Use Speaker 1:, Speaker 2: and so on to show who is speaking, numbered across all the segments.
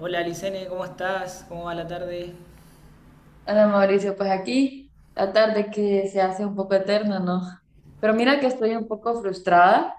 Speaker 1: Hola Licene, ¿cómo estás? ¿Cómo va la tarde?
Speaker 2: Hola Mauricio, pues aquí la tarde que se hace un poco eterna, ¿no? Pero mira que estoy un poco frustrada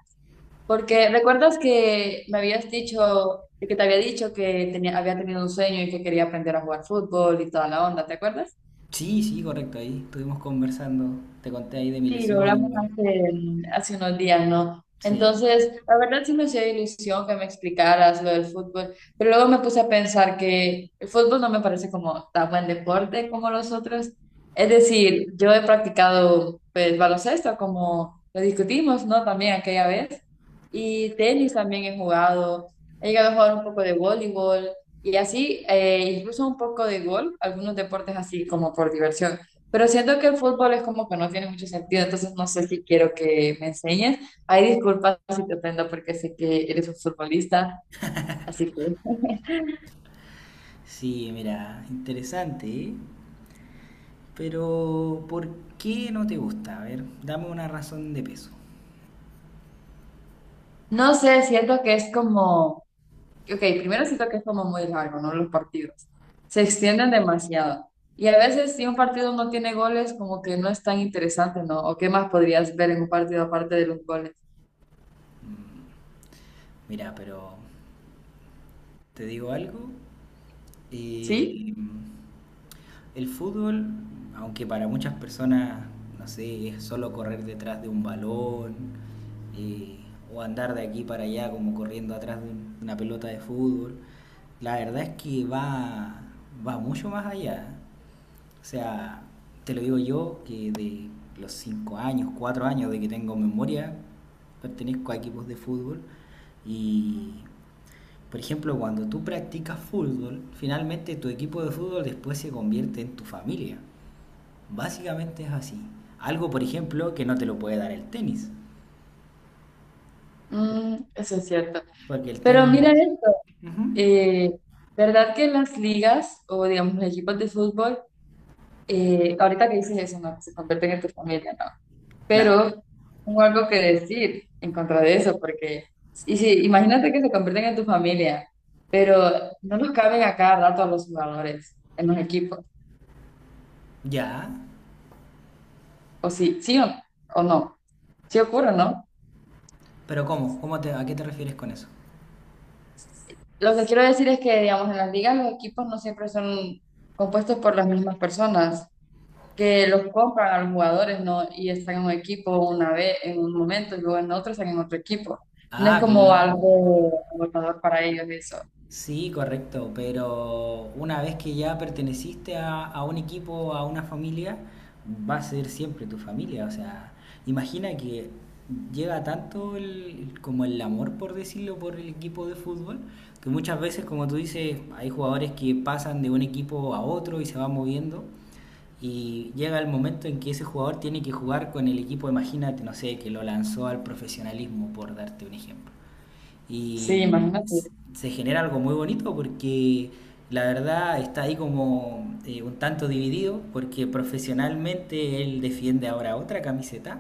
Speaker 2: porque recuerdas que me habías dicho, que te había dicho que tenía, había tenido un sueño y que quería aprender a jugar fútbol y toda la onda, ¿te acuerdas?
Speaker 1: Sí, correcto, ahí estuvimos conversando. Te conté ahí de mi
Speaker 2: Sí, lo
Speaker 1: lesión
Speaker 2: hablamos
Speaker 1: igual.
Speaker 2: hace unos días, ¿no?
Speaker 1: Sí,
Speaker 2: Entonces, la verdad sí me hacía ilusión que me explicaras lo del fútbol, pero luego me puse a pensar que el fútbol no me parece como tan buen deporte como los otros. Es decir, yo he practicado pues baloncesto, como lo discutimos, ¿no? También aquella vez. Y tenis también he jugado. He llegado a jugar un poco de voleibol y así, incluso un poco de golf, algunos deportes así como por diversión. Pero siento que el fútbol es como que no tiene mucho sentido, entonces no sé si quiero que me enseñes. Ay, disculpas si te ofendo porque sé que eres un futbolista, así que
Speaker 1: sí, mira, interesante, ¿eh? Pero, ¿por qué no te gusta? A ver, dame una razón de peso.
Speaker 2: no sé, siento que es como. Ok, primero siento que es como muy largo, ¿no? Los partidos. Se extienden demasiado. Y a veces si un partido no tiene goles, como que no es tan interesante, ¿no? ¿O qué más podrías ver en un partido aparte de los goles?
Speaker 1: Mira, pero te digo algo,
Speaker 2: ¿Sí?
Speaker 1: eh, el fútbol, aunque para muchas personas, no sé, es solo correr detrás de un balón eh, o andar de aquí para allá como corriendo atrás de una pelota de fútbol, la verdad es va mucho más allá. O sea, te lo digo yo que de los 5 años, 4 años de que tengo memoria, pertenezco a equipos de fútbol y, por ejemplo, cuando tú practicas fútbol, finalmente tu equipo de fútbol después se convierte en tu familia. Básicamente es así. Algo, por ejemplo, que no te lo puede dar el tenis.
Speaker 2: Mm, eso es cierto.
Speaker 1: Porque el
Speaker 2: Pero mira
Speaker 1: tenis...
Speaker 2: esto,
Speaker 1: Ujú.
Speaker 2: eh, ¿verdad que en las ligas o digamos los equipos de fútbol, ahorita que dices eso, ¿no? Que se convierten en tu familia, ¿no?
Speaker 1: Claro.
Speaker 2: Pero tengo algo que decir en contra de eso, porque, y si, imagínate que se convierten en tu familia, pero no los caben a cada rato a los jugadores en los equipos,
Speaker 1: Ya.
Speaker 2: o sí, sí o no, sí ocurre, ¿no?
Speaker 1: Pero ¿cómo? ¿A qué te refieres con eso?
Speaker 2: Lo que quiero decir es que, digamos, en las ligas los equipos no siempre son compuestos por las mismas personas, que los compran a los jugadores, ¿no? Y están en un equipo una vez, en un momento, y luego en otro están en otro equipo. No es
Speaker 1: Ah,
Speaker 2: como
Speaker 1: claro.
Speaker 2: algo agotador para ellos eso.
Speaker 1: Sí, correcto, pero una vez que ya perteneciste a un equipo, a una familia, va a ser siempre tu familia. O sea, imagina que llega tanto el, como el amor, por decirlo, por el equipo de fútbol, que muchas veces, como tú dices, hay jugadores que pasan de un equipo a otro y se van moviendo. Y llega el momento en que ese jugador tiene que jugar con el equipo, imagínate, no sé, que lo lanzó al profesionalismo, por darte un ejemplo,
Speaker 2: Sí,
Speaker 1: y
Speaker 2: imagínate.
Speaker 1: se genera algo muy bonito porque la verdad está ahí como un tanto dividido porque profesionalmente él defiende ahora otra camiseta,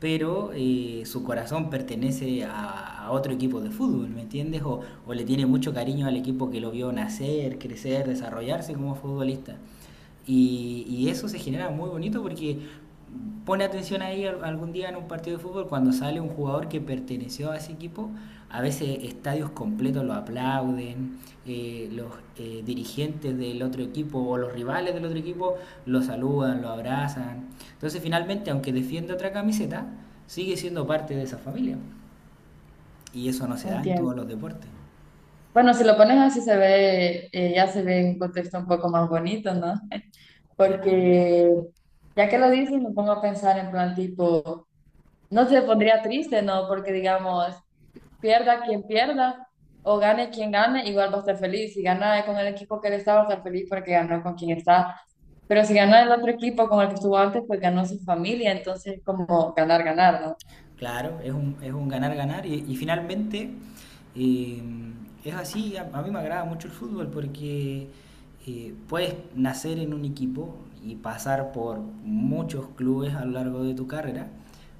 Speaker 1: pero su corazón pertenece a otro equipo de fútbol, ¿me entiendes? O le tiene mucho cariño al equipo que lo vio nacer, crecer, desarrollarse como futbolista. Y eso se genera muy bonito porque pone atención ahí algún día en un partido de fútbol cuando sale un jugador que perteneció a ese equipo, a veces estadios completos lo aplauden, los dirigentes del otro equipo o los rivales del otro equipo lo saludan, lo abrazan. Entonces finalmente, aunque defienda otra camiseta, sigue siendo parte de esa familia. Y eso no se da en todos
Speaker 2: Entiendo.
Speaker 1: los deportes.
Speaker 2: Bueno, si lo pones así se ve, ya se ve en un contexto un poco más bonito, ¿no?
Speaker 1: Claro.
Speaker 2: Porque ya que lo dices, me pongo a pensar en plan tipo, no se pondría triste, ¿no? Porque digamos, pierda quien pierda o gane quien gane, igual va a estar feliz. Si gana con el equipo que él está, va a estar feliz porque ganó con quien está. Pero si gana el otro equipo con el que estuvo antes, pues ganó su familia. Entonces, como ganar, ganar, ¿no?
Speaker 1: Claro, es un ganar, ganar. Y finalmente, eh, es así, a mí me agrada mucho el fútbol porque, puedes nacer en un equipo y pasar por muchos clubes a lo largo de tu carrera,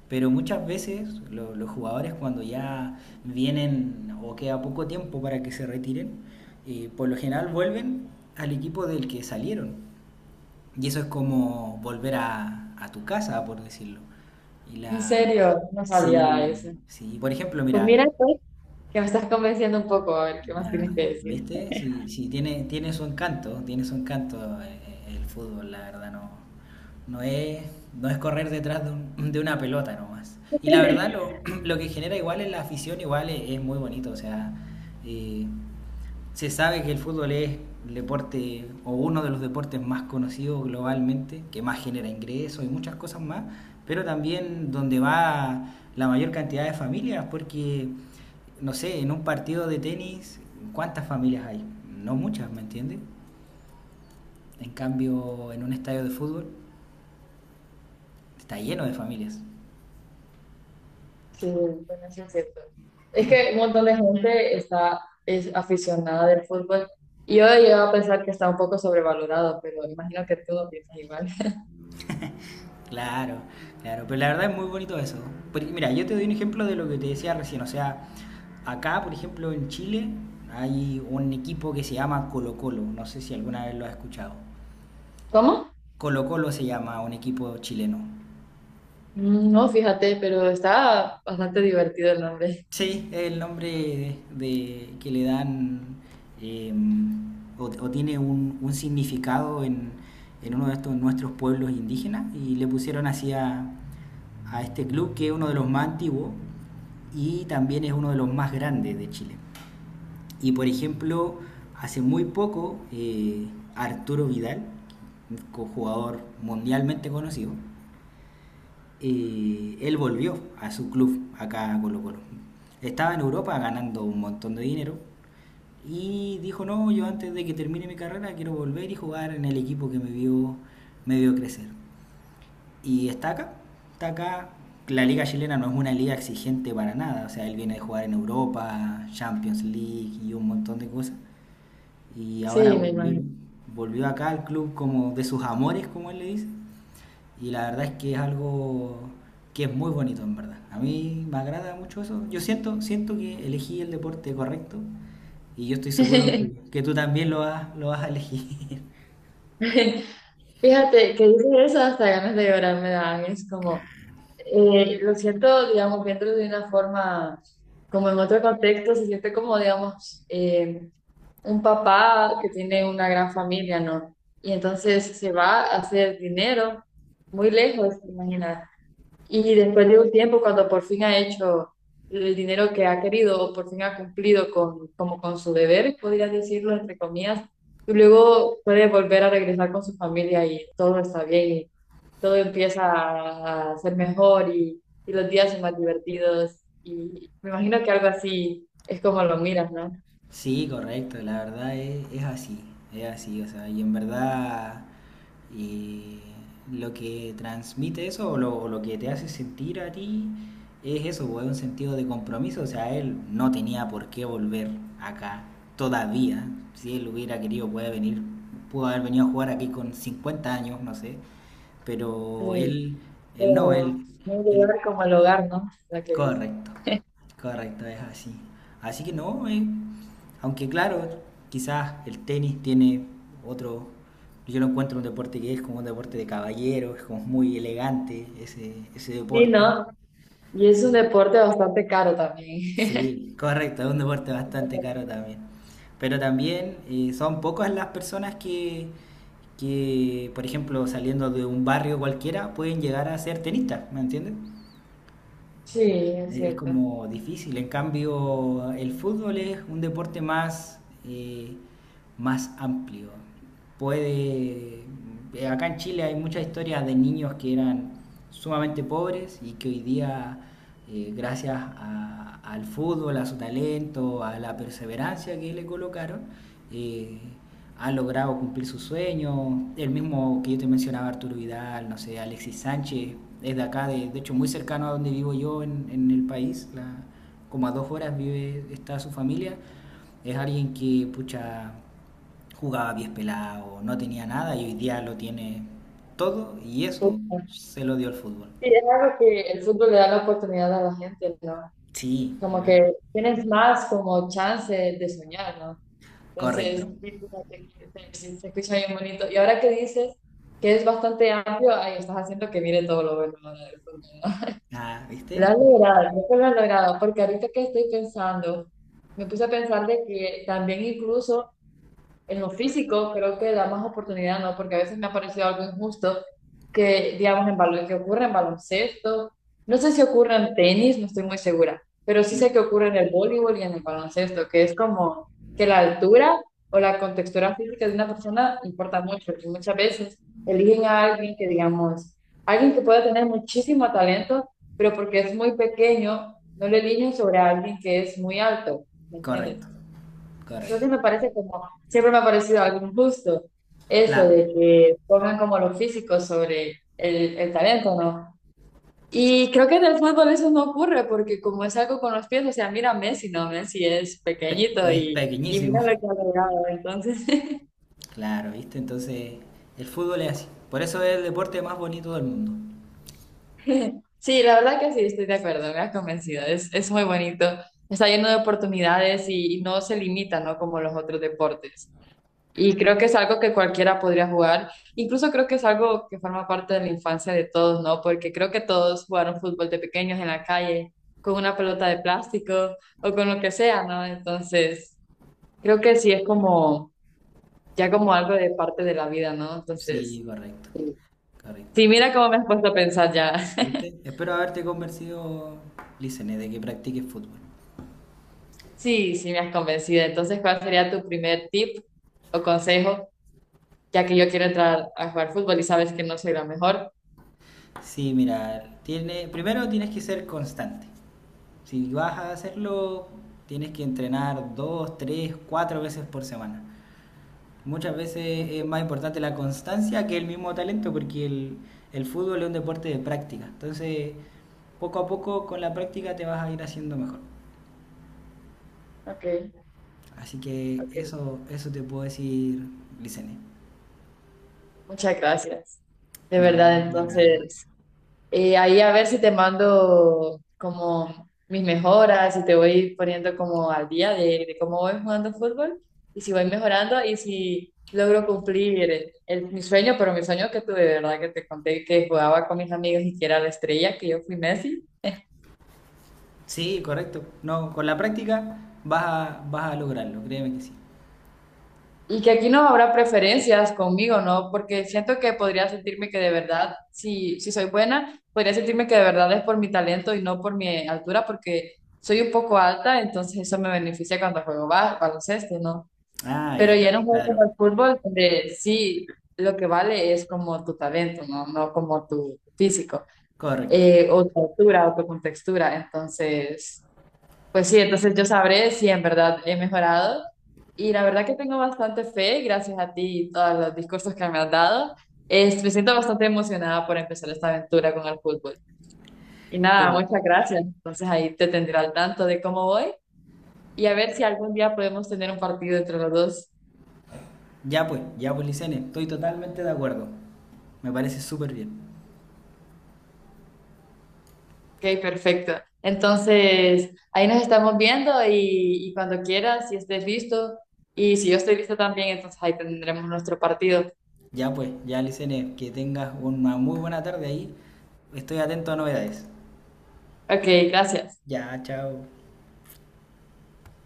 Speaker 1: pero muchas veces los jugadores cuando ya vienen o queda poco tiempo para que se retiren, por lo general vuelven al equipo del que salieron. Y eso es como volver a tu casa, por decirlo. Y
Speaker 2: En
Speaker 1: la...
Speaker 2: serio, no sabía
Speaker 1: Sí,
Speaker 2: eso.
Speaker 1: sí. Por ejemplo,
Speaker 2: Pues mira,
Speaker 1: mira,
Speaker 2: que me estás convenciendo un poco, a ver qué más
Speaker 1: la-
Speaker 2: tienes que decir.
Speaker 1: ¿viste? Sí, tiene, tiene su encanto, tiene su encanto, el fútbol, la verdad, no es, no es correr detrás de, de una pelota nomás. Y la verdad, lo que genera igual en la afición, igual es muy bonito, o sea, eh, se sabe que el fútbol es el deporte o uno de los deportes más conocidos globalmente, que más genera ingresos y muchas cosas más, pero también donde va la mayor cantidad de familias, porque, no sé, en un partido de tenis, ¿cuántas familias hay? No muchas, ¿me entiendes? En cambio, en un estadio de fútbol está lleno de familias.
Speaker 2: Sí, bueno, sí es cierto. Es que un montón de gente está, es aficionada del fútbol. Y yo he llegado a pensar que está un poco sobrevalorado, pero imagino que tú no piensas igual.
Speaker 1: Claro, claro, pero la verdad es muy bonito eso. Mira, yo te doy un ejemplo de lo que te decía recién, o sea, acá, por ejemplo, en Chile hay un equipo que se llama Colo Colo, no sé si alguna vez lo has escuchado.
Speaker 2: ¿Cómo?
Speaker 1: Colo Colo se llama un equipo chileno.
Speaker 2: Mm, no, fíjate, pero está bastante divertido el nombre.
Speaker 1: Sí, es el nombre de, que le dan, eh, o tiene un significado en uno de estos nuestros pueblos indígenas y le pusieron así a este club que es uno de los más antiguos y también es uno de los más grandes de Chile. Y, por ejemplo, hace muy poco, Arturo Vidal, jugador mundialmente conocido, y él volvió a su club acá a Colo Colo. Estaba en Europa ganando un montón de dinero y dijo, no, yo antes de que termine mi carrera quiero volver y jugar en el equipo que me vio crecer. Y está acá, está acá. La liga chilena no es una liga exigente para nada, o sea, él viene de jugar en Europa, Champions League y un montón de cosas. Y ahora
Speaker 2: Sí, me
Speaker 1: volvió,
Speaker 2: imagino.
Speaker 1: volvió acá al club como de sus amores, como él le dice, y la verdad es que es algo que es muy bonito, en verdad. A mí me agrada mucho eso. Yo siento, siento que elegí el deporte correcto y yo estoy seguro que tú también lo vas a elegir.
Speaker 2: Fíjate que dices eso, hasta ganas de llorar me dan. Es como, lo siento, digamos, viéndolo de una forma, como en otro contexto, se siente como, digamos, un papá que tiene una gran familia, ¿no? Y entonces se va a hacer dinero muy lejos, imagina. Y después de un tiempo, cuando por fin ha hecho el dinero que ha querido o por fin ha cumplido con, como con su deber, podrías decirlo entre comillas, y luego puede volver a regresar con su familia y todo está bien, todo empieza a ser mejor y los días son más divertidos. Y me imagino que algo así es como lo miras, ¿no?
Speaker 1: Sí, correcto, la verdad es así, o sea, y en verdad, eh, lo que transmite eso o lo que te hace sentir a ti es eso, pues, es un sentido de compromiso, o sea, él no tenía por qué volver acá todavía, si él hubiera querido puede venir, pudo haber venido a jugar aquí con 50 años, no sé, pero
Speaker 2: Sí,
Speaker 1: él no,
Speaker 2: pero
Speaker 1: él,
Speaker 2: no un
Speaker 1: él
Speaker 2: lugar como el hogar, ¿no? La que dice.
Speaker 1: correcto, correcto, es así. Así que no, aunque claro, quizás el tenis tiene otro, yo lo encuentro un deporte que es como un deporte de caballero, es como muy elegante ese, ese
Speaker 2: Sí,
Speaker 1: deporte.
Speaker 2: ¿no? Y es un
Speaker 1: Sí.
Speaker 2: deporte bastante caro también.
Speaker 1: Sí, correcto, es un deporte bastante caro también. Pero también, son pocas las personas que por ejemplo, saliendo de un barrio cualquiera, pueden llegar a ser tenistas, ¿me entiendes?
Speaker 2: Sí, es
Speaker 1: Es
Speaker 2: cierto.
Speaker 1: como difícil. En cambio, el fútbol es un deporte más, eh, más amplio. Puede. Acá en Chile hay muchas historias de niños que eran sumamente pobres y que hoy día, al fútbol, a su talento, a la perseverancia que le colocaron, eh, han logrado cumplir sus sueños. El mismo que yo te mencionaba, Arturo Vidal, no sé, Alexis Sánchez, es de acá, de hecho muy cercano a donde vivo yo en el país, como a 2 horas vive, está su familia. Es alguien que, pucha, jugaba pies pelados, no tenía nada y hoy día lo tiene todo y eso se lo dio el fútbol.
Speaker 2: Sí, es algo que el fútbol le da la oportunidad a la gente, ¿no?
Speaker 1: Sí,
Speaker 2: Como
Speaker 1: ¿verdad?
Speaker 2: que tienes más como chance de soñar, ¿no? Entonces,
Speaker 1: Correcto.
Speaker 2: sí, fíjate que se escucha bien bonito. Y ahora que dices que es bastante amplio, ahí estás haciendo que mire todo lo bueno ahora del fondo, ¿no?
Speaker 1: Ah, ¿viste?
Speaker 2: Lo has logrado, creo que lo has logrado, porque ahorita que estoy pensando, me puse a pensar de que también incluso en lo físico creo que da más oportunidad, ¿no? Porque a veces me ha parecido algo injusto que, digamos, en balon- que ocurre en baloncesto. No sé si ocurre en tenis, no estoy muy segura, pero sí sé que ocurre en el voleibol y en el baloncesto, que es como que la altura o la contextura física de una persona importa mucho, porque muchas veces eligen a alguien que, digamos, alguien que pueda tener muchísimo talento, pero porque es muy pequeño, no le eligen sobre alguien que es muy alto, ¿me entiendes?
Speaker 1: Correcto, correcto.
Speaker 2: Entonces me parece como, siempre me ha parecido algo injusto eso
Speaker 1: Claro,
Speaker 2: de que pongan como lo físico sobre el talento, ¿no? Y creo que en el fútbol eso no ocurre porque como es algo con los pies, o sea, mira a Messi, ¿no? Messi es pequeñito
Speaker 1: es
Speaker 2: y
Speaker 1: pequeñísimo.
Speaker 2: mira lo que ha logrado. Entonces,
Speaker 1: Claro, ¿viste? Entonces, el fútbol es así. Por eso es el deporte más bonito del mundo.
Speaker 2: sí, la verdad que sí, estoy de acuerdo, me ha convencido, es muy bonito, está lleno de oportunidades y no se limita, ¿no? Como los otros deportes. Y creo que es algo que cualquiera podría jugar. Incluso creo que es algo que forma parte de la infancia de todos, ¿no? Porque creo que todos jugaron fútbol de pequeños en la calle, con una pelota de plástico o con lo que sea, ¿no? Entonces, creo que sí es como, ya como algo de parte de la vida, ¿no? Entonces,
Speaker 1: Sí, correcto, correcto.
Speaker 2: sí, mira cómo me has puesto a pensar ya.
Speaker 1: ¿Viste? Espero haberte convencido, Licene, de que practiques fútbol.
Speaker 2: Sí, sí, me has convencido. Entonces, ¿cuál sería tu primer tip o consejo, ya que yo quiero entrar a jugar fútbol y sabes que no soy la mejor?
Speaker 1: Sí, mira, tiene, primero tienes que ser constante. Si vas a hacerlo, tienes que entrenar 2, 3, 4 veces por semana. Muchas veces es
Speaker 2: Okay,
Speaker 1: más importante la constancia que el mismo talento, porque el fútbol es un deporte de práctica. Entonces, poco a poco con la práctica te vas a ir haciendo mejor.
Speaker 2: okay,
Speaker 1: Así que
Speaker 2: ok.
Speaker 1: eso te puedo decir, Licene.
Speaker 2: Muchas gracias. De
Speaker 1: No,
Speaker 2: verdad,
Speaker 1: de nada.
Speaker 2: entonces, ahí a ver si te mando como mis mejoras, si te voy poniendo como al día de cómo voy jugando fútbol y si voy mejorando y si logro cumplir el- mi sueño, pero mi sueño que tuve, de verdad, que te conté que jugaba con mis amigos y que era la estrella, que yo fui Messi.
Speaker 1: Sí, correcto. No, con la práctica vas a, vas a lograrlo, créeme que sí.
Speaker 2: Y que aquí no habrá preferencias conmigo, ¿no? Porque siento que podría sentirme que de verdad, si, si soy buena, podría sentirme que de verdad es por mi talento y no por mi altura, porque soy un poco alta, entonces eso me beneficia cuando juego ba- baloncesto, ¿no?
Speaker 1: Ah,
Speaker 2: Pero
Speaker 1: ya,
Speaker 2: ya en un juego como el
Speaker 1: claro.
Speaker 2: fútbol, donde sí lo que vale es como tu talento, ¿no? No como tu físico,
Speaker 1: Correcto.
Speaker 2: o tu altura, o tu contextura. Entonces. Pues sí, entonces yo sabré si en verdad he mejorado. Y la verdad que tengo bastante fe, gracias a ti y todos los discursos que me has dado. Es- me siento bastante emocionada por empezar esta aventura con el fútbol. Y nada,
Speaker 1: Sí.
Speaker 2: muchas gracias. Entonces ahí te tendré al tanto de cómo voy y a ver si algún día podemos tener un partido entre los dos.
Speaker 1: Ya pues, Licene, estoy totalmente de acuerdo. Me parece súper bien.
Speaker 2: Ok, perfecto. Entonces ahí nos estamos viendo y cuando quieras, si estés listo y si yo estoy lista también, entonces ahí tendremos nuestro partido.
Speaker 1: Ya pues, ya Licene, que tengas una muy buena tarde ahí. Estoy atento a novedades.
Speaker 2: Ok, gracias.
Speaker 1: Ya, chao.